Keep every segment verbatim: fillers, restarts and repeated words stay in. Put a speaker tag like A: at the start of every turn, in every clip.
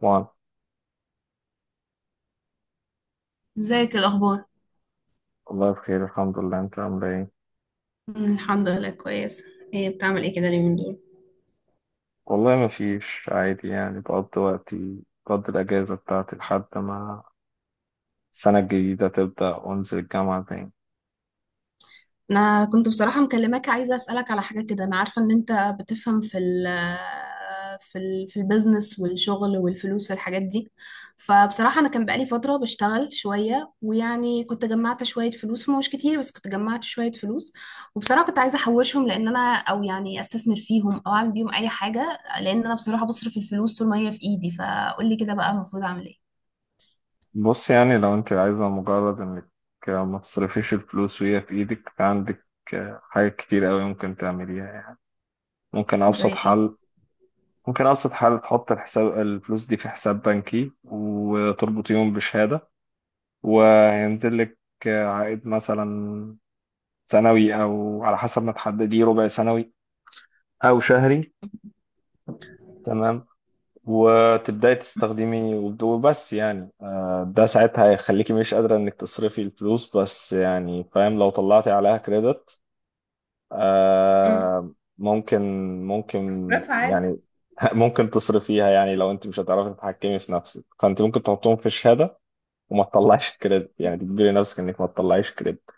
A: وعن
B: ازيك الاخبار؟
A: والله بخير الحمد لله. انت عامل ايه؟
B: مم، الحمد لله كويس. ايه بتعمل ايه كده اليومين دول؟
A: والله ما فيش عادي، يعني بقضي وقتي، بقضي الاجازه بتاعتي لحد ما السنه الجديده تبدا وانزل الجامعه تاني.
B: انا كنت بصراحه مكلماك عايزه اسالك على حاجه كده، انا عارفه ان انت بتفهم في ال آه، في ال في البيزنس والشغل والفلوس والحاجات دي. فبصراحه انا كان بقالي فتره بشتغل شويه ويعني كنت جمعت شويه فلوس، هم مش كتير بس كنت جمعت شويه فلوس. وبصراحه كنت عايزه احوشهم، لان انا او يعني استثمر فيهم او اعمل بيهم اي حاجه، لان انا بصراحه بصرف الفلوس طول ما هي في ايدي. فقولي كده بقى المفروض اعمل ايه؟
A: بص يعني لو انت عايزه مجرد انك ما تصرفيش الفلوس وهي في ايدك، عندك حاجات كتير قوي ممكن تعمليها يعني. ممكن
B: زي
A: ابسط
B: ايه؟
A: حل، ممكن ابسط حل تحط الحساب، الفلوس دي في حساب بنكي وتربطيهم بشهاده، وهينزل لك عائد مثلا سنوي او على حسب ما تحدديه، ربع سنوي او شهري. تمام. وتبداي تستخدمي، وبس يعني آه، ده ساعتها هيخليكي مش قادرة انك تصرفي الفلوس، بس يعني فاهم لو طلعتي عليها كريدت. آه، ممكن، ممكن
B: بصرفها عادي.
A: يعني ممكن تصرفيها يعني. لو انت مش هتعرفي تتحكمي في نفسك، فانت ممكن تحطهم في شهادة وما تطلعش كريدت، يعني تجبري نفسك انك ما تطلعيش كريدت.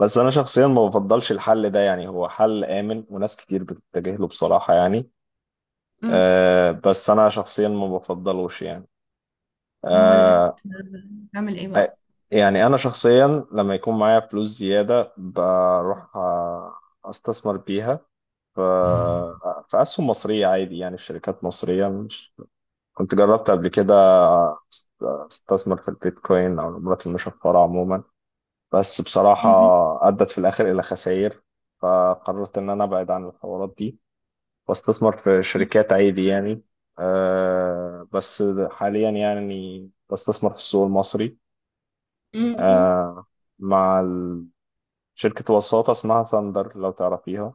A: بس انا شخصيا ما بفضلش الحل ده يعني. هو حل امن وناس كتير بتتجه له بصراحة يعني.
B: امم.
A: أه، بس انا شخصيا ما بفضلوش يعني.
B: امال
A: أه.
B: بت- بتعمل ايه
A: أ-
B: بقى؟
A: يعني انا شخصيا لما يكون معايا فلوس زيادة بروح آه، استثمر بيها ف- في اسهم مصرية عادي، يعني في شركات مصرية. مش كنت جربت قبل كده أست- استثمر في البيتكوين او العملات المشفرة عموما، بس بصراحة
B: امم.
A: أدت في الآخر إلى خسائر، فقررت إن أنا أبعد عن الحوارات دي وأستثمر في شركات عادي يعني. أه بس حاليا يعني بستثمر في السوق المصري.
B: امم.
A: أه، مع ال- شركة وساطة اسمها ثاندر لو تعرفيها.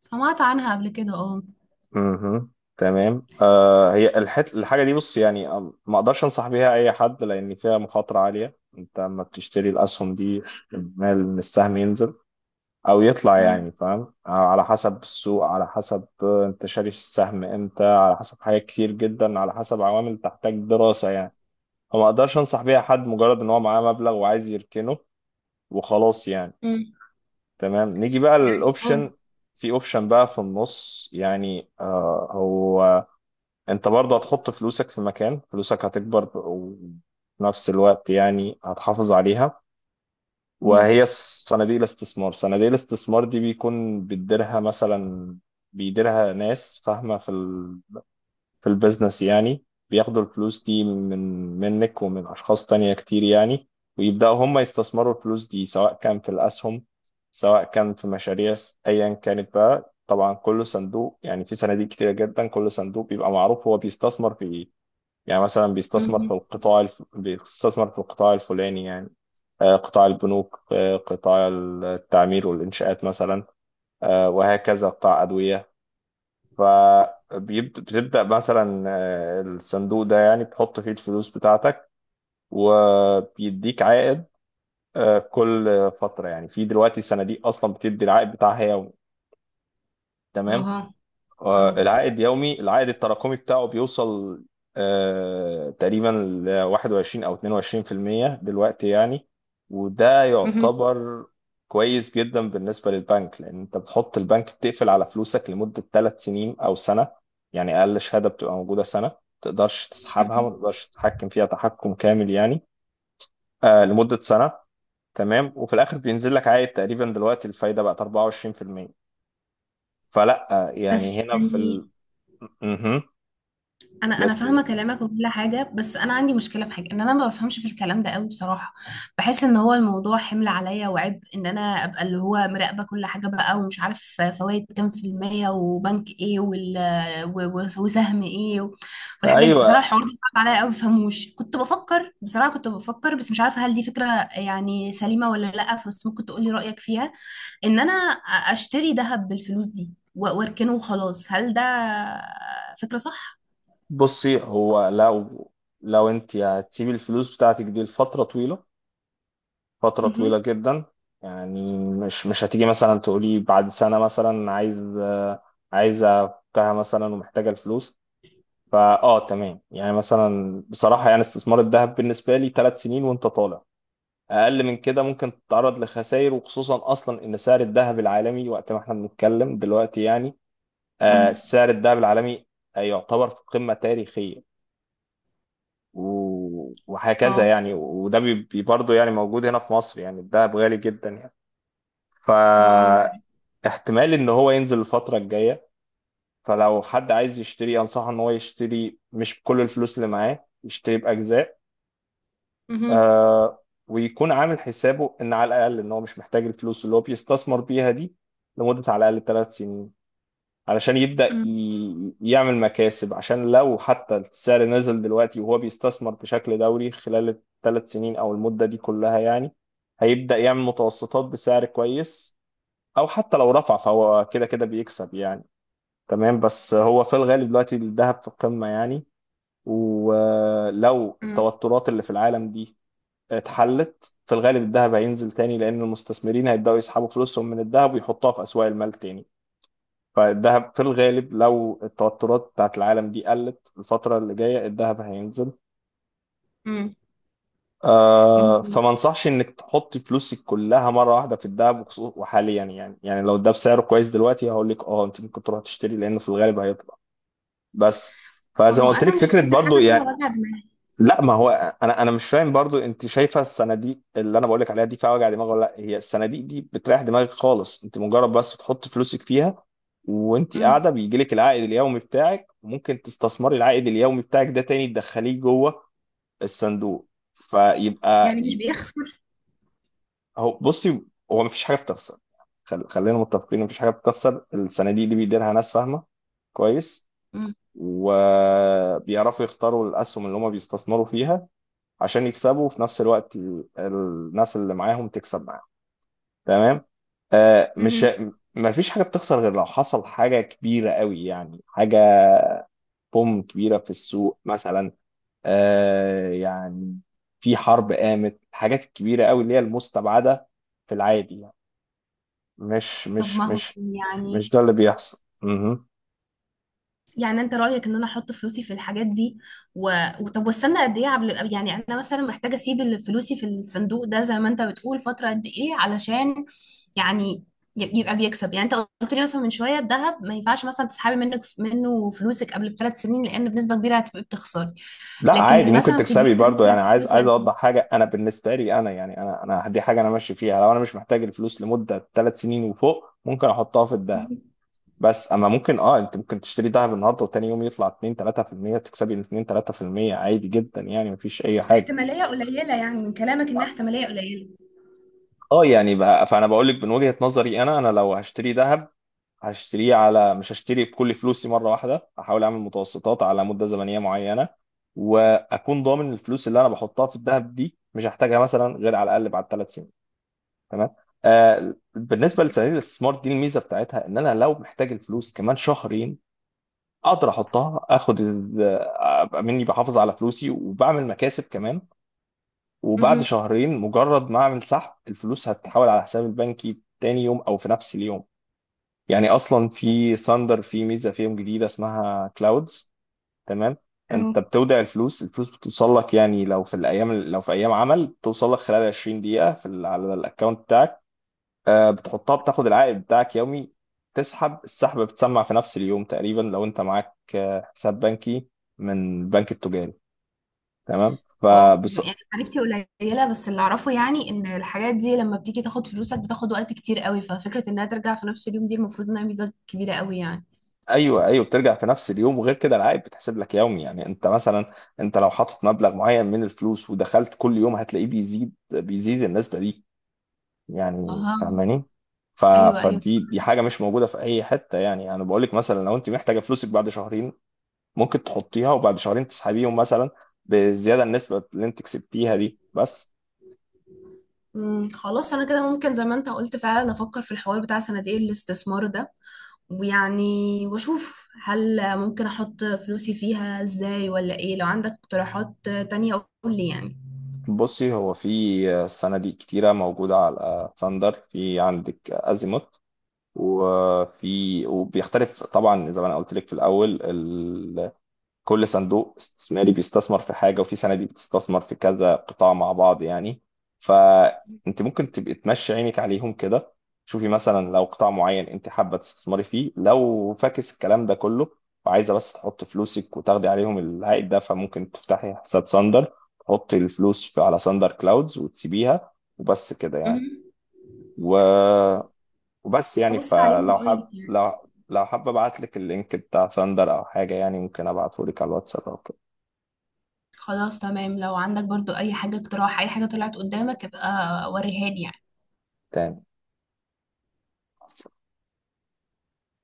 B: سمعت عنها قبل كده، اه.
A: مهم. تمام. أه، هي الحت... الحاجة دي، بص يعني، أم- ما أقدرش أنصح بيها أي حد لأن فيها مخاطرة عالية. أنت لما بتشتري الأسهم دي، احتمال إن السهم ينزل او يطلع،
B: امم.
A: يعني فاهم، على حسب السوق، على حسب انت شاري السهم امتى، على حسب حاجات كتير جدا، على حسب عوامل تحتاج دراسة يعني. فما اقدرش انصح بيها حد مجرد ان هو معاه مبلغ وعايز يركنه وخلاص يعني.
B: امم.
A: تمام. نيجي بقى
B: يعني اه.
A: للاوبشن، في اوبشن بقى في النص، يعني آه هو انت برضه هتحط فلوسك في مكان، فلوسك هتكبر وفي نفس الوقت يعني هتحافظ عليها،
B: امم.
A: وهي صناديق الاستثمار. صناديق الاستثمار دي بيكون بيديرها مثلا بيديرها ناس فاهمة في ال... في البيزنس يعني. بياخدوا الفلوس دي من منك ومن أشخاص تانية كتير يعني، ويبدأوا هم يستثمروا الفلوس دي، سواء كان في الأسهم، سواء كان في مشاريع، س- أيا كانت بقى. طبعا كل صندوق يعني، في صناديق كتيرة جدا، كل صندوق بيبقى معروف هو بيستثمر في إيه، يعني مثلا بيستثمر في
B: امم.
A: القطاع الف... بيستثمر في القطاع الفلاني يعني. آه، قطاع البنوك، آه، قطاع التعمير والإنشاءات مثلا، آه، وهكذا، قطاع أدوية. فبتبدأ مثلا، آه، الصندوق ده يعني بتحط فيه الفلوس بتاعتك وبيديك عائد آه، كل فترة يعني. في دلوقتي صناديق أصلا بتدي العائد بتاعها يومي.
B: اه.
A: تمام.
B: اه.
A: آه، العائد يومي، العائد التراكمي بتاعه بيوصل آه، تقريبا ل واحد وعشرين او اتنين وعشرين في المية دلوقتي يعني، وده
B: مهم.
A: يعتبر كويس جدا بالنسبة للبنك. لان انت بتحط البنك بتقفل على فلوسك لمدة ثلاث سنين او سنة يعني. اقل شهادة بتبقى موجودة سنة، ما تقدرش تسحبها، ما
B: مهم.
A: تقدرش تتحكم فيها تحكم كامل يعني. آه، لمدة سنة. تمام. وفي الاخر بينزل لك عائد تقريبا. دلوقتي الفايدة بقت اربعة وعشرين في المية. فلا آه،
B: بس
A: يعني هنا في
B: يعني
A: ال... مهم.
B: انا انا
A: بس
B: فاهمه كلامك وكل حاجه، بس انا عندي مشكله في حاجه ان انا ما بفهمش في الكلام ده قوي بصراحه. بحس ان هو الموضوع حمل عليا وعبء، ان انا ابقى اللي هو مراقبه كل حاجه بقى ومش عارف فوائد كام في الميه وبنك ايه وال و- و- وسهم ايه و- والحاجات دي
A: ايوه.
B: بصراحه، الحوار ده صعب عليا قوي ما بفهموش. كنت بفكر بصراحه، كنت بفكر بس مش عارفه هل دي فكره يعني سليمه ولا لا، بس ممكن تقولي رايك فيها. ان انا اشتري ذهب بالفلوس دي و- واركنه وخلاص، هل ده فكره صح؟
A: بصي، هو لو لو انت هتسيبي الفلوس بتاعتك دي لفتره طويله، فتره طويله
B: مهم.
A: جدا يعني مش مش هتيجي مثلا تقولي بعد سنه مثلا عايز، آه، عايزه افكها مثلا ومحتاجه الفلوس. فا اه تمام. يعني مثلا بصراحه يعني، استثمار الذهب بالنسبه لي ثلاث سنين وانت طالع. اقل من كده ممكن تتعرض لخسائر، وخصوصا اصلا ان سعر الذهب العالمي وقت ما احنا بنتكلم دلوقتي يعني، آه
B: امم.
A: سعر الذهب العالمي آه، يعتبر في قمة تاريخية، و- وهكذا
B: اه
A: يعني. وده بي- برضه يعني موجود هنا في مصر، يعني الدهب غالي جدا يعني.
B: ما هو ده حقيقي.
A: فاحتمال ان هو ينزل الفترة الجاية. فلو حد عايز يشتري انصحه ان هو يشتري، مش بكل الفلوس اللي معاه، يشتري بأجزاء.
B: مهم.
A: آه، ويكون عامل حسابه ان على الاقل ان هو مش محتاج الفلوس اللي هو بيستثمر بيها دي لمدة على الاقل ثلاث سنين، علشان يبدأ
B: مم.
A: ي- يعمل مكاسب. عشان لو حتى السعر نزل دلوقتي وهو بيستثمر بشكل دوري خلال الثلاث سنين أو المدة دي كلها يعني، هيبدأ يعمل متوسطات بسعر كويس، أو حتى لو رفع فهو كده كده بيكسب يعني. تمام. بس هو في الغالب دلوقتي الذهب في القمة يعني، ولو
B: مم.
A: التوترات اللي في العالم دي اتحلت، في الغالب الذهب هينزل تاني، لأن المستثمرين هيبدأوا يسحبوا فلوسهم من الذهب ويحطوها في أسواق المال تاني. فالذهب في الغالب لو التوترات بتاعت العالم دي قلت الفترة اللي جاية، الذهب هينزل.
B: مم. ما
A: آه،
B: هو
A: فما انصحش انك تحط فلوسك كلها مرة واحدة في الذهب، وخصو- وحاليا يعني، يعني لو ده بسعره كويس دلوقتي هقول لك اه انت ممكن تروح تشتري لانه في الغالب هيطلع. بس
B: ما
A: فزي ما
B: هو
A: قلت
B: انا
A: لك،
B: مش
A: فكرة
B: عايزه
A: برضو
B: حاجه فيها
A: يعني.
B: وجع دماغ.
A: لا ما هو انا انا مش فاهم برضو. انت شايفه الصناديق اللي انا بقول لك عليها دي فيها وجع دماغ ولا لا؟ هي الصناديق دي بتريح دماغك خالص. انت مجرد بس بتحط فلوسك فيها وانت
B: مم.
A: قاعده، بيجي لك العائد اليومي بتاعك، وممكن تستثمري العائد اليومي بتاعك ده تاني، تدخليه جوه الصندوق. فيبقى
B: يعني مش
A: ي-
B: بيخسر؟
A: هو، بصي، هو مفيش حاجه بتخسر. خل- خلينا متفقين، مفيش حاجه بتخسر. الصناديق دي بيديرها ناس فاهمه كويس،
B: مم.
A: وبيعرفوا يختاروا الاسهم اللي هم بيستثمروا فيها، عشان يكسبوا وفي نفس الوقت ال- الناس اللي معاهم تكسب معاهم. تمام. آه مش
B: مهم.
A: ما فيش حاجة بتخسر، غير لو حصل حاجة كبيرة قوي، يعني حاجة بوم كبيرة في السوق مثلا. آه، يعني في حرب قامت، الحاجات الكبيرة قوي اللي هي المستبعدة في العادي يعني. مش
B: طب ما
A: مش
B: هو
A: مش
B: يعني،
A: مش ده اللي بيحصل.
B: يعني انت رأيك ان انا احط فلوسي في الحاجات دي و... وطب واستنى قد ايه؟ قبل يعني انا مثلا محتاجة اسيب ال- فلوسي في الصندوق ده زي ما انت بتقول فترة قد ايه علشان يعني ي- يبقى بيكسب. يعني انت قلت لي مثلا من شوية الذهب ما ينفعش مثلا تسحبي منك منه فلوسك قبل بثلاث سنين لان بنسبة كبيرة هتبقي بتخسري،
A: لا عادي
B: لكن
A: ممكن
B: مثلا في
A: تكسبي
B: دي انا
A: برضو
B: ممكن
A: يعني.
B: اسيب
A: عايز،
B: فلوسي
A: عايز
B: قد
A: اوضح حاجه انا بالنسبه لي، انا يعني، انا انا دي حاجه انا ماشي فيها. لو انا مش محتاج الفلوس لمده ثلاث سنين وفوق ممكن احطها في
B: ايه؟
A: الذهب. بس اما ممكن اه، انت ممكن تشتري ذهب النهارده وتاني يوم يطلع اتنين تلاتة في المية، تكسبي اتنين تلاتة في المية عادي جدا يعني مفيش اي
B: بس
A: حاجه.
B: احتمالية قليلة يعني، من كلامك انها احتمالية قليلة.
A: اه يعني بقى فانا بقول لك من وجهه نظري، انا انا لو هشتري ذهب هشتريه على، مش هشتري بكل فلوسي مرة واحدة، هحاول أعمل متوسطات على مدة زمنية معينة، وأكون ضامن الفلوس اللي أنا بحطها في الذهب دي مش هحتاجها مثلا غير على الأقل بعد ثلاث سنين. تمام. آه، بالنسبة لصناديق الاستثمار دي، الميزة بتاعتها إن أنا لو محتاج الفلوس كمان شهرين أقدر أحطها، آخد ال- أبقى مني بحافظ على فلوسي وبعمل مكاسب كمان، وبعد
B: مهم.
A: شهرين مجرد ما أعمل سحب الفلوس هتتحول على حسابي البنكي تاني يوم أو في نفس اليوم. يعني اصلا في ثاندر في ميزه فيهم جديده اسمها كلاودز. تمام. انت بتودع الفلوس، الفلوس بتوصل لك، يعني لو في الايام، لو في ايام عمل بتوصل لك خلال عشرين دقيقه في ال- على الاكونت بتاعك. آه، بتحطها، بتاخد العائد بتاعك يومي، تسحب السحب بتسمع في نفس اليوم تقريبا، لو انت معاك آه، حساب بنكي من البنك التجاري. تمام.
B: واو،
A: فبص.
B: يعني معرفتي قليله بس اللي اعرفه يعني ان الحاجات دي لما بتيجي تاخد فلوسك بتاخد وقت كتير قوي، ففكره انها ترجع في نفس اليوم دي المفروض انها ميزه كبيره قوي يعني.
A: ايوه، ايوه، بترجع في نفس اليوم، وغير كده العائد بتحسب لك يومي. يعني انت مثلا، انت لو حاطط مبلغ معين من الفلوس ودخلت كل يوم هتلاقيه بيزيد، بيزيد النسبه دي، يعني
B: اها.
A: فاهماني. ف...
B: ايوه ايوه.
A: فدي دي حاجه مش موجوده في اي حته يعني. انا بقول لك مثلا، لو انت محتاجه فلوسك بعد شهرين ممكن تحطيها وبعد شهرين تسحبيهم مثلا بالزياده، النسبه اللي انت كسبتيها دي بس.
B: امم، خلاص انا كده ممكن زي ما انت قلت فعلا افكر في الحوار بتاع صناديق الاستثمار ده ويعني واشوف هل ممكن احط فلوسي فيها ازاي ولا ايه. لو عندك اقتراحات تانية قول لي يعني.
A: بصي، هو في صناديق كتيره موجوده على ثاندر، في عندك ازيموت، وفي، وبيختلف طبعا زي ما انا قلت لك في الاول ال... كل صندوق استثماري بيستثمر في حاجه، وفي صناديق بتستثمر في كذا قطاع مع بعض يعني. فانت ممكن تبقي تمشي عينك عليهم كده، شوفي مثلا لو قطاع معين انت حابه تستثمري فيه. لو فاكس الكلام ده كله وعايزه بس تحط فلوسك وتاخدي عليهم العائد ده، فممكن تفتحي حساب ساندر، تحطي الفلوس في، على ساندر كلاودز، وتسيبيها وبس كده يعني.
B: مهم.
A: و، وبس يعني،
B: هبص عليهم
A: فلو
B: واقول
A: حاب،
B: لك يعني.
A: لو لو حابب ابعت لك اللينك بتاع ثاندر او حاجه يعني، ممكن ابعته لك على الواتساب او كده.
B: خلاص تمام، لو عندك برضو اي حاجة اقتراح اي حاجة طلعت قدامك ابقى وريها لي يعني.
A: تمام.